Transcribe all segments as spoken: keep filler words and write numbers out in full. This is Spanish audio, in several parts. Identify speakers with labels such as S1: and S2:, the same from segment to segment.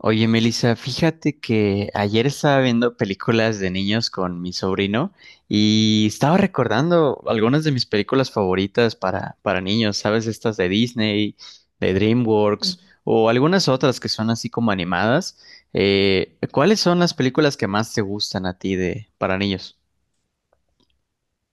S1: Oye, Melissa, fíjate que ayer estaba viendo películas de niños con mi sobrino y estaba recordando algunas de mis películas favoritas para, para niños, ¿sabes? Estas de Disney, de DreamWorks o algunas otras que son así como animadas. Eh, ¿cuáles son las películas que más te gustan a ti de para niños?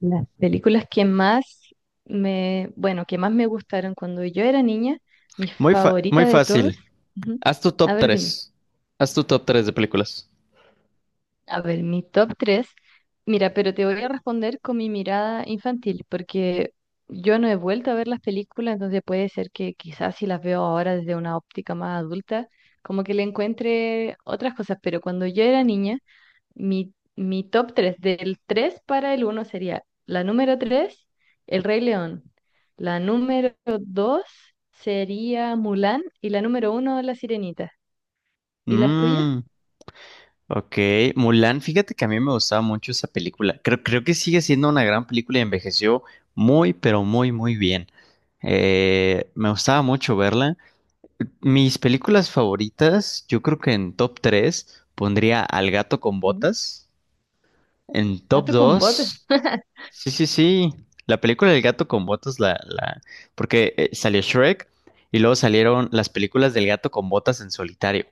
S2: Las películas que más me, bueno, que más me gustaron cuando yo era niña, mi
S1: Muy fa- muy
S2: favorita de todas.
S1: fácil.
S2: Ujú.
S1: Haz tu
S2: A
S1: top
S2: ver, dime.
S1: tres. Haz tu top tres de películas.
S2: A ver, mi top tres. Mira, pero te voy a responder con mi mirada infantil, porque yo no he vuelto a ver las películas, entonces puede ser que quizás si las veo ahora desde una óptica más adulta, como que le encuentre otras cosas, pero cuando yo era niña, Mi, mi top tres del tres para el uno sería la número tres: El Rey León. La número dos sería Mulan, y la número uno, La Sirenita. ¿Y las tuyas?
S1: Mmm. Ok, Mulan, fíjate que a mí me gustaba mucho esa película. Creo, creo que sigue siendo una gran película y envejeció muy, pero muy, muy bien. Eh, me gustaba mucho verla. Mis películas favoritas, yo creo que en top tres pondría Al gato con
S2: Ujú.
S1: botas. En top
S2: Gato con botas,
S1: dos. Sí, sí, sí. La película del gato con botas, la, la, porque eh, salió Shrek y luego salieron las películas del gato con botas en solitario.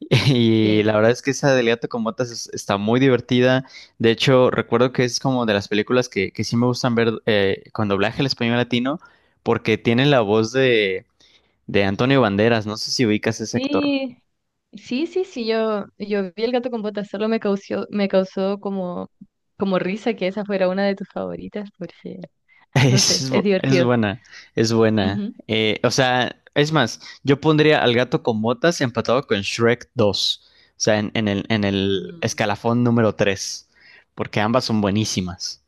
S1: Y
S2: sí.
S1: la verdad es que esa del gato con botas es- está muy divertida. De hecho, recuerdo que es como de las películas que, que sí me gustan ver eh, con doblaje al español latino, porque tiene la voz de, de Antonio Banderas. No sé si ubicas ese actor.
S2: Sí, sí, sí, sí, yo, yo vi el gato con botas, solo me causó, me causó como, como risa que esa fuera una de tus favoritas, porque, no sé,
S1: Es,
S2: es
S1: bu- es
S2: divertido.
S1: buena, es buena.
S2: Ujú.
S1: Eh, o sea, es más, yo pondría al gato con botas empatado con Shrek dos. O sea, en, en el, en el
S2: Mm.
S1: escalafón número tres. Porque ambas son buenísimas.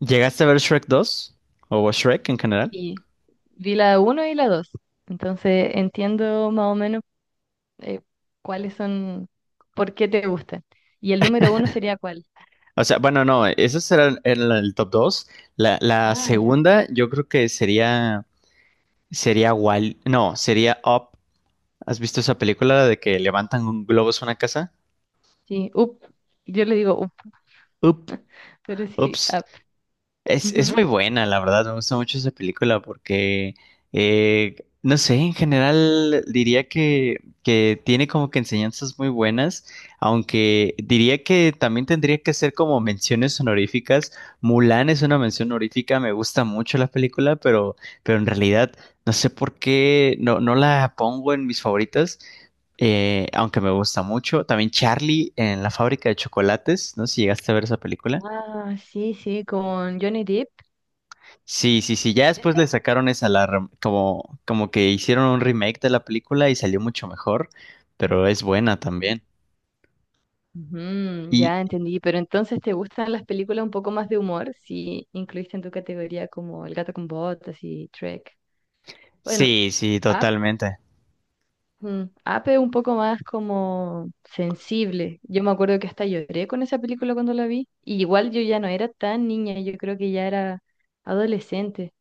S1: ¿Llegaste a ver Shrek dos? ¿O Shrek en general?
S2: Y vi la uno y la dos. Entonces entiendo más o menos, eh, cuáles son, por qué te gustan. ¿Y el número uno sería cuál?
S1: O sea, bueno, no, esos eran, eran la- el top dos. La, la
S2: Ah, ya.
S1: segunda, yo creo que sería, sería Wall, no, sería Up. ¿Has visto esa película de que levantan un globo a una casa?
S2: Sí, up. Yo le digo up,
S1: Up.
S2: pero sí,
S1: Ups.
S2: up.
S1: Es, es muy
S2: Ujú.
S1: buena, la verdad, me gusta mucho esa película porque, eh, no sé, en general diría que, que tiene como que enseñanzas muy buenas, aunque diría que también tendría que ser como menciones honoríficas. Mulan es una mención honorífica, me gusta mucho la película, pero, pero en realidad no sé por qué no, no la pongo en mis favoritas, eh, aunque me gusta mucho. También Charlie en la fábrica de chocolates, no sé si llegaste a ver esa película.
S2: Ah, sí, sí, con Johnny Depp.
S1: Sí, sí, sí, ya después
S2: ¿Esa?
S1: le sacaron esa alarma, como, como que hicieron un remake de la película y salió mucho mejor, pero es buena
S2: Mm.
S1: también.
S2: Ujú,
S1: Y
S2: ya entendí, pero entonces te gustan las películas un poco más de humor, si incluiste en tu categoría como El gato con botas y Trek. Bueno,
S1: sí, sí,
S2: Up.
S1: totalmente.
S2: Mm, Ape es un poco más como sensible. Yo me acuerdo que hasta lloré con esa película cuando la vi. Y igual yo ya no era tan niña, yo creo que ya era adolescente.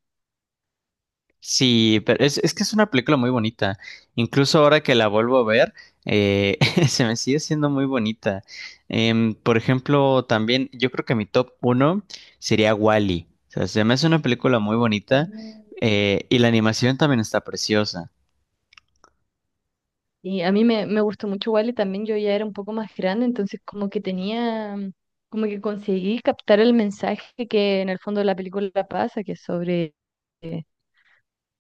S1: Sí, pero es, es que es una película muy bonita. Incluso ahora que la vuelvo a ver, eh, se me sigue siendo muy bonita. Em, por ejemplo, también yo creo que mi top uno sería Wall-E. O sea, se me hace una película muy bonita
S2: Mm.
S1: eh, y la animación también está preciosa.
S2: Y a mí me, me gustó mucho igual, y también yo ya era un poco más grande, entonces como que tenía, mm, como que conseguí captar el mensaje que en el fondo de la película pasa, que es sobre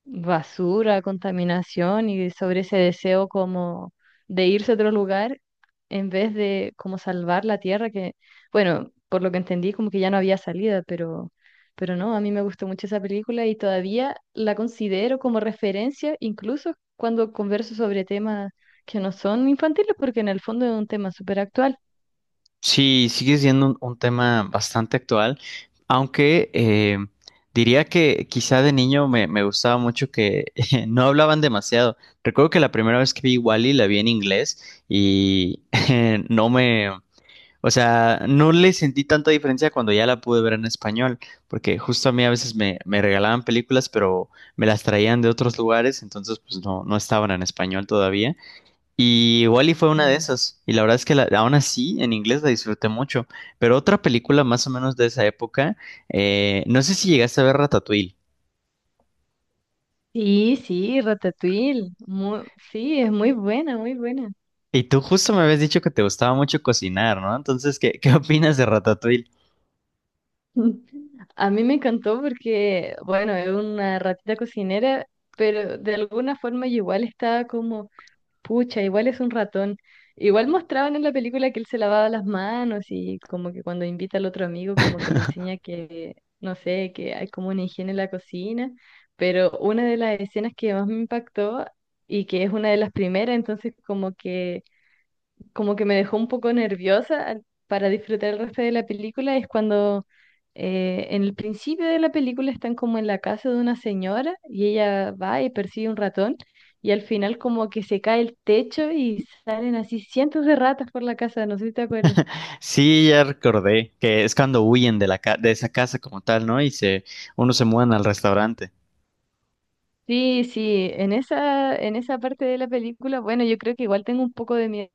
S2: basura, contaminación y sobre ese deseo como de irse a otro lugar en vez de como salvar la tierra que, bueno, por lo que entendí como que ya no había salida, pero, pero no, a mí me gustó mucho esa película y todavía la considero como referencia, incluso cuando converso sobre temas que no son infantiles porque en el fondo es un tema súper actual.
S1: Sí, sigue siendo un, un tema bastante actual, aunque eh, diría que quizá de niño me, me gustaba mucho que no hablaban demasiado. Recuerdo que la primera vez que vi Wally la vi en inglés y eh, no me, o sea, no le sentí tanta diferencia cuando ya la pude ver en español, porque justo a mí a veces me, me regalaban películas, pero me las traían de otros lugares, entonces pues no, no estaban en español todavía. Y Wall-E fue una de
S2: Ujú.
S1: esas, y la verdad es que la- aún así en inglés la disfruté mucho. Pero otra película más o menos de esa época, eh, no sé si llegaste a ver Ratatouille.
S2: Sí, sí, Ratatouille, muy- sí, es muy buena, muy buena.
S1: Y tú justo me habías dicho que te gustaba mucho cocinar, ¿no? Entonces, ¿qué, ¿qué opinas de Ratatouille?
S2: A mí me encantó porque, bueno, es una ratita cocinera, pero de alguna forma yo igual estaba como, pucha, igual es un ratón. Igual mostraban en la película que él se lavaba las manos, y como que cuando invita al otro amigo, como que le enseña que, no sé, que hay como una higiene en la cocina, pero una de las escenas que más me impactó, y que es una de las primeras, entonces como que como que me dejó un poco nerviosa al- para disfrutar el resto de la película, es cuando, eh, en el principio de la película, están como en la casa de una señora, y ella va y persigue un ratón, y al final como que se cae el techo y salen así cientos de ratas por la casa, no sé si te acuerdas.
S1: Sí, ya recordé que es cuando huyen de la ca- de esa casa como tal, ¿no? Y se, uno se mudan al restaurante.
S2: Sí, sí, en esa, en esa parte de la película, bueno, yo creo que igual tengo un poco de miedo.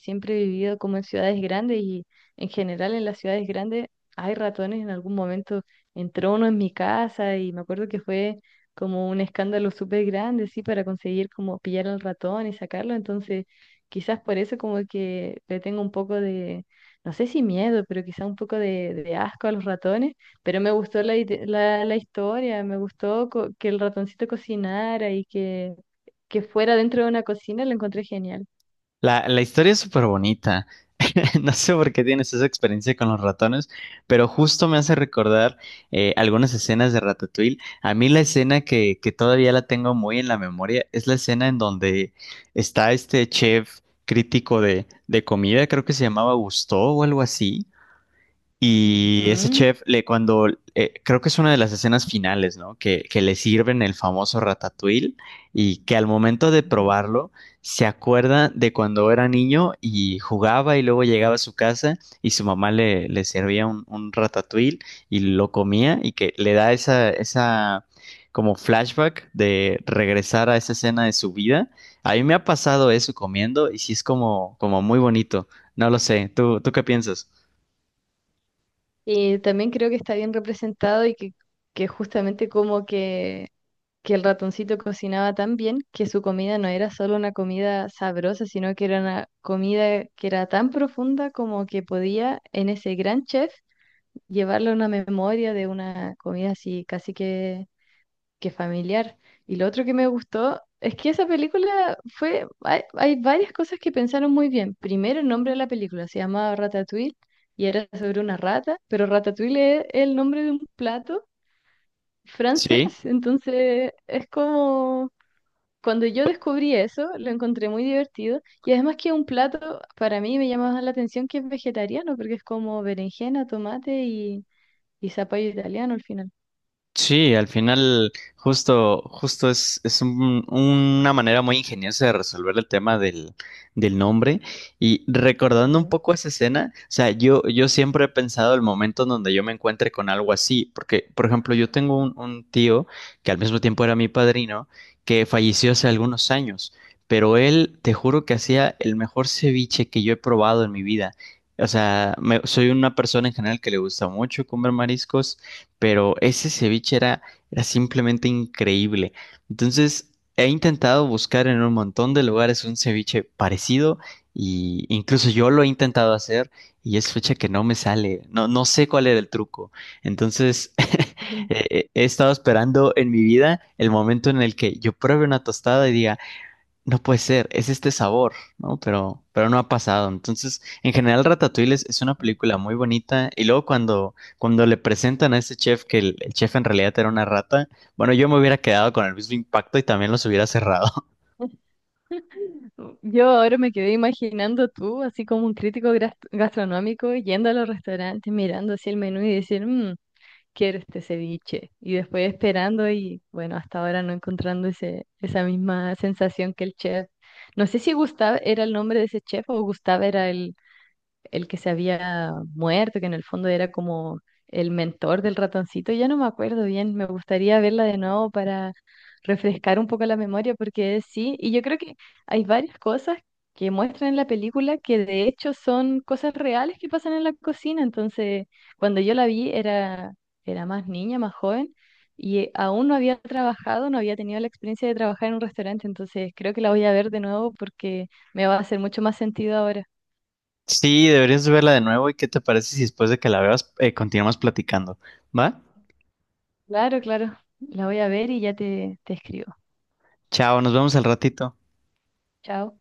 S2: Siempre he vivido como en ciudades grandes, y en general en las ciudades grandes hay ratones. En algún momento entró uno en mi casa y me acuerdo que fue como un escándalo súper grande, sí, para conseguir como pillar al ratón y sacarlo. Entonces, quizás por eso como que le tengo un poco de, no sé si miedo, pero quizás un poco de, de asco a los ratones. Pero me gustó la, ide- la, la historia, me gustó co- que el ratoncito cocinara, y que, que fuera dentro de una cocina, lo encontré genial.
S1: La, la historia es súper bonita. No sé por qué tienes esa experiencia con los ratones, pero justo me hace recordar eh, algunas escenas de Ratatouille. A mí la escena que, que todavía la tengo muy en la memoria es la escena en donde está este chef crítico de, de comida, creo que se llamaba Gusteau o algo así, y ese
S2: Ujú.
S1: chef, le, cuando eh, creo que es una de las escenas finales, ¿no? Que, que le sirven el famoso ratatouille y que al momento de
S2: Ujú.
S1: probarlo se acuerda de cuando era niño y jugaba y luego llegaba a su casa y su mamá le, le servía un, un ratatouille y lo comía y que le da esa, esa como flashback de regresar a esa escena de su vida. A mí me ha pasado eso comiendo y sí es como, como muy bonito. No lo sé. ¿Tú, ¿tú qué piensas?
S2: Y también creo que está bien representado, y que, que justamente como que, que el ratoncito cocinaba tan bien que su comida no era solo una comida sabrosa, sino que era una comida que era tan profunda, como que podía en ese gran chef llevarle una memoria de una comida así, casi que qué familiar. Y lo otro que me gustó es que esa película fue, hay, hay varias cosas que pensaron muy bien. Primero, el nombre de la película se llamaba Ratatouille y era sobre una rata, pero Ratatouille es el nombre de un plato francés.
S1: Sí.
S2: Entonces, es como, cuando yo descubrí eso, lo encontré muy divertido. Y además que un plato, para mí me llamaba la atención que es vegetariano, porque es como berenjena, tomate y, y zapallo italiano al final.
S1: Sí, al final justo, justo es, es un- una manera muy ingeniosa de resolver el tema del, del nombre. Y recordando un
S2: Ujú.
S1: poco esa escena, o sea, yo, yo siempre he pensado el momento en donde yo me encuentre con algo así, porque, por ejemplo, yo tengo un, un tío que al mismo tiempo era mi padrino, que falleció hace algunos años, pero él, te juro que hacía el mejor ceviche que yo he probado en mi vida. O sea, me- soy una persona en general que le gusta mucho comer mariscos pero ese ceviche era, era simplemente increíble. Entonces, he intentado buscar en un montón de lugares un ceviche parecido y incluso yo lo he intentado hacer y es fecha que no me sale. No, no sé cuál era el truco. Entonces, eh, he estado esperando en mi vida el momento en el que yo pruebe una tostada y diga, no puede ser, es este sabor, ¿no? Pero, pero no ha pasado. Entonces, en general, Ratatouille es, es una
S2: Ujú.
S1: película muy bonita. Y luego cuando, cuando le presentan a este chef que el, el chef en realidad era una rata, bueno, yo me hubiera quedado con el mismo impacto y también los hubiera cerrado.
S2: Yo ahora me quedé imaginando tú, así como un crítico gras- gastronómico, yendo a los restaurantes, mirando así el menú y decir, "Mm, quiero este ceviche". Y después esperando y bueno, hasta ahora no encontrando ese, esa misma sensación que el chef. No sé si Gustave era el nombre de ese chef o Gustave era el que se había muerto, que en el fondo era como el mentor del ratoncito, ya no me acuerdo bien, me gustaría verla de nuevo para refrescar un poco la memoria, porque sí, y yo creo que hay varias cosas que muestran en la película que de hecho son cosas reales que pasan en la cocina, entonces cuando yo la vi era, era más niña, más joven. Y eh, aún no había trabajado, no había tenido la experiencia de trabajar en un restaurante, entonces creo que la voy a ver de nuevo porque me va a hacer mucho más sentido ahora.
S1: Sí, deberías verla de nuevo. ¿Y qué te parece si después de que la veas, eh, continuamos platicando? ¿Va?
S2: Claro, claro. La voy a ver y ya te, te escribo.
S1: Chao, nos vemos al ratito.
S2: Chao.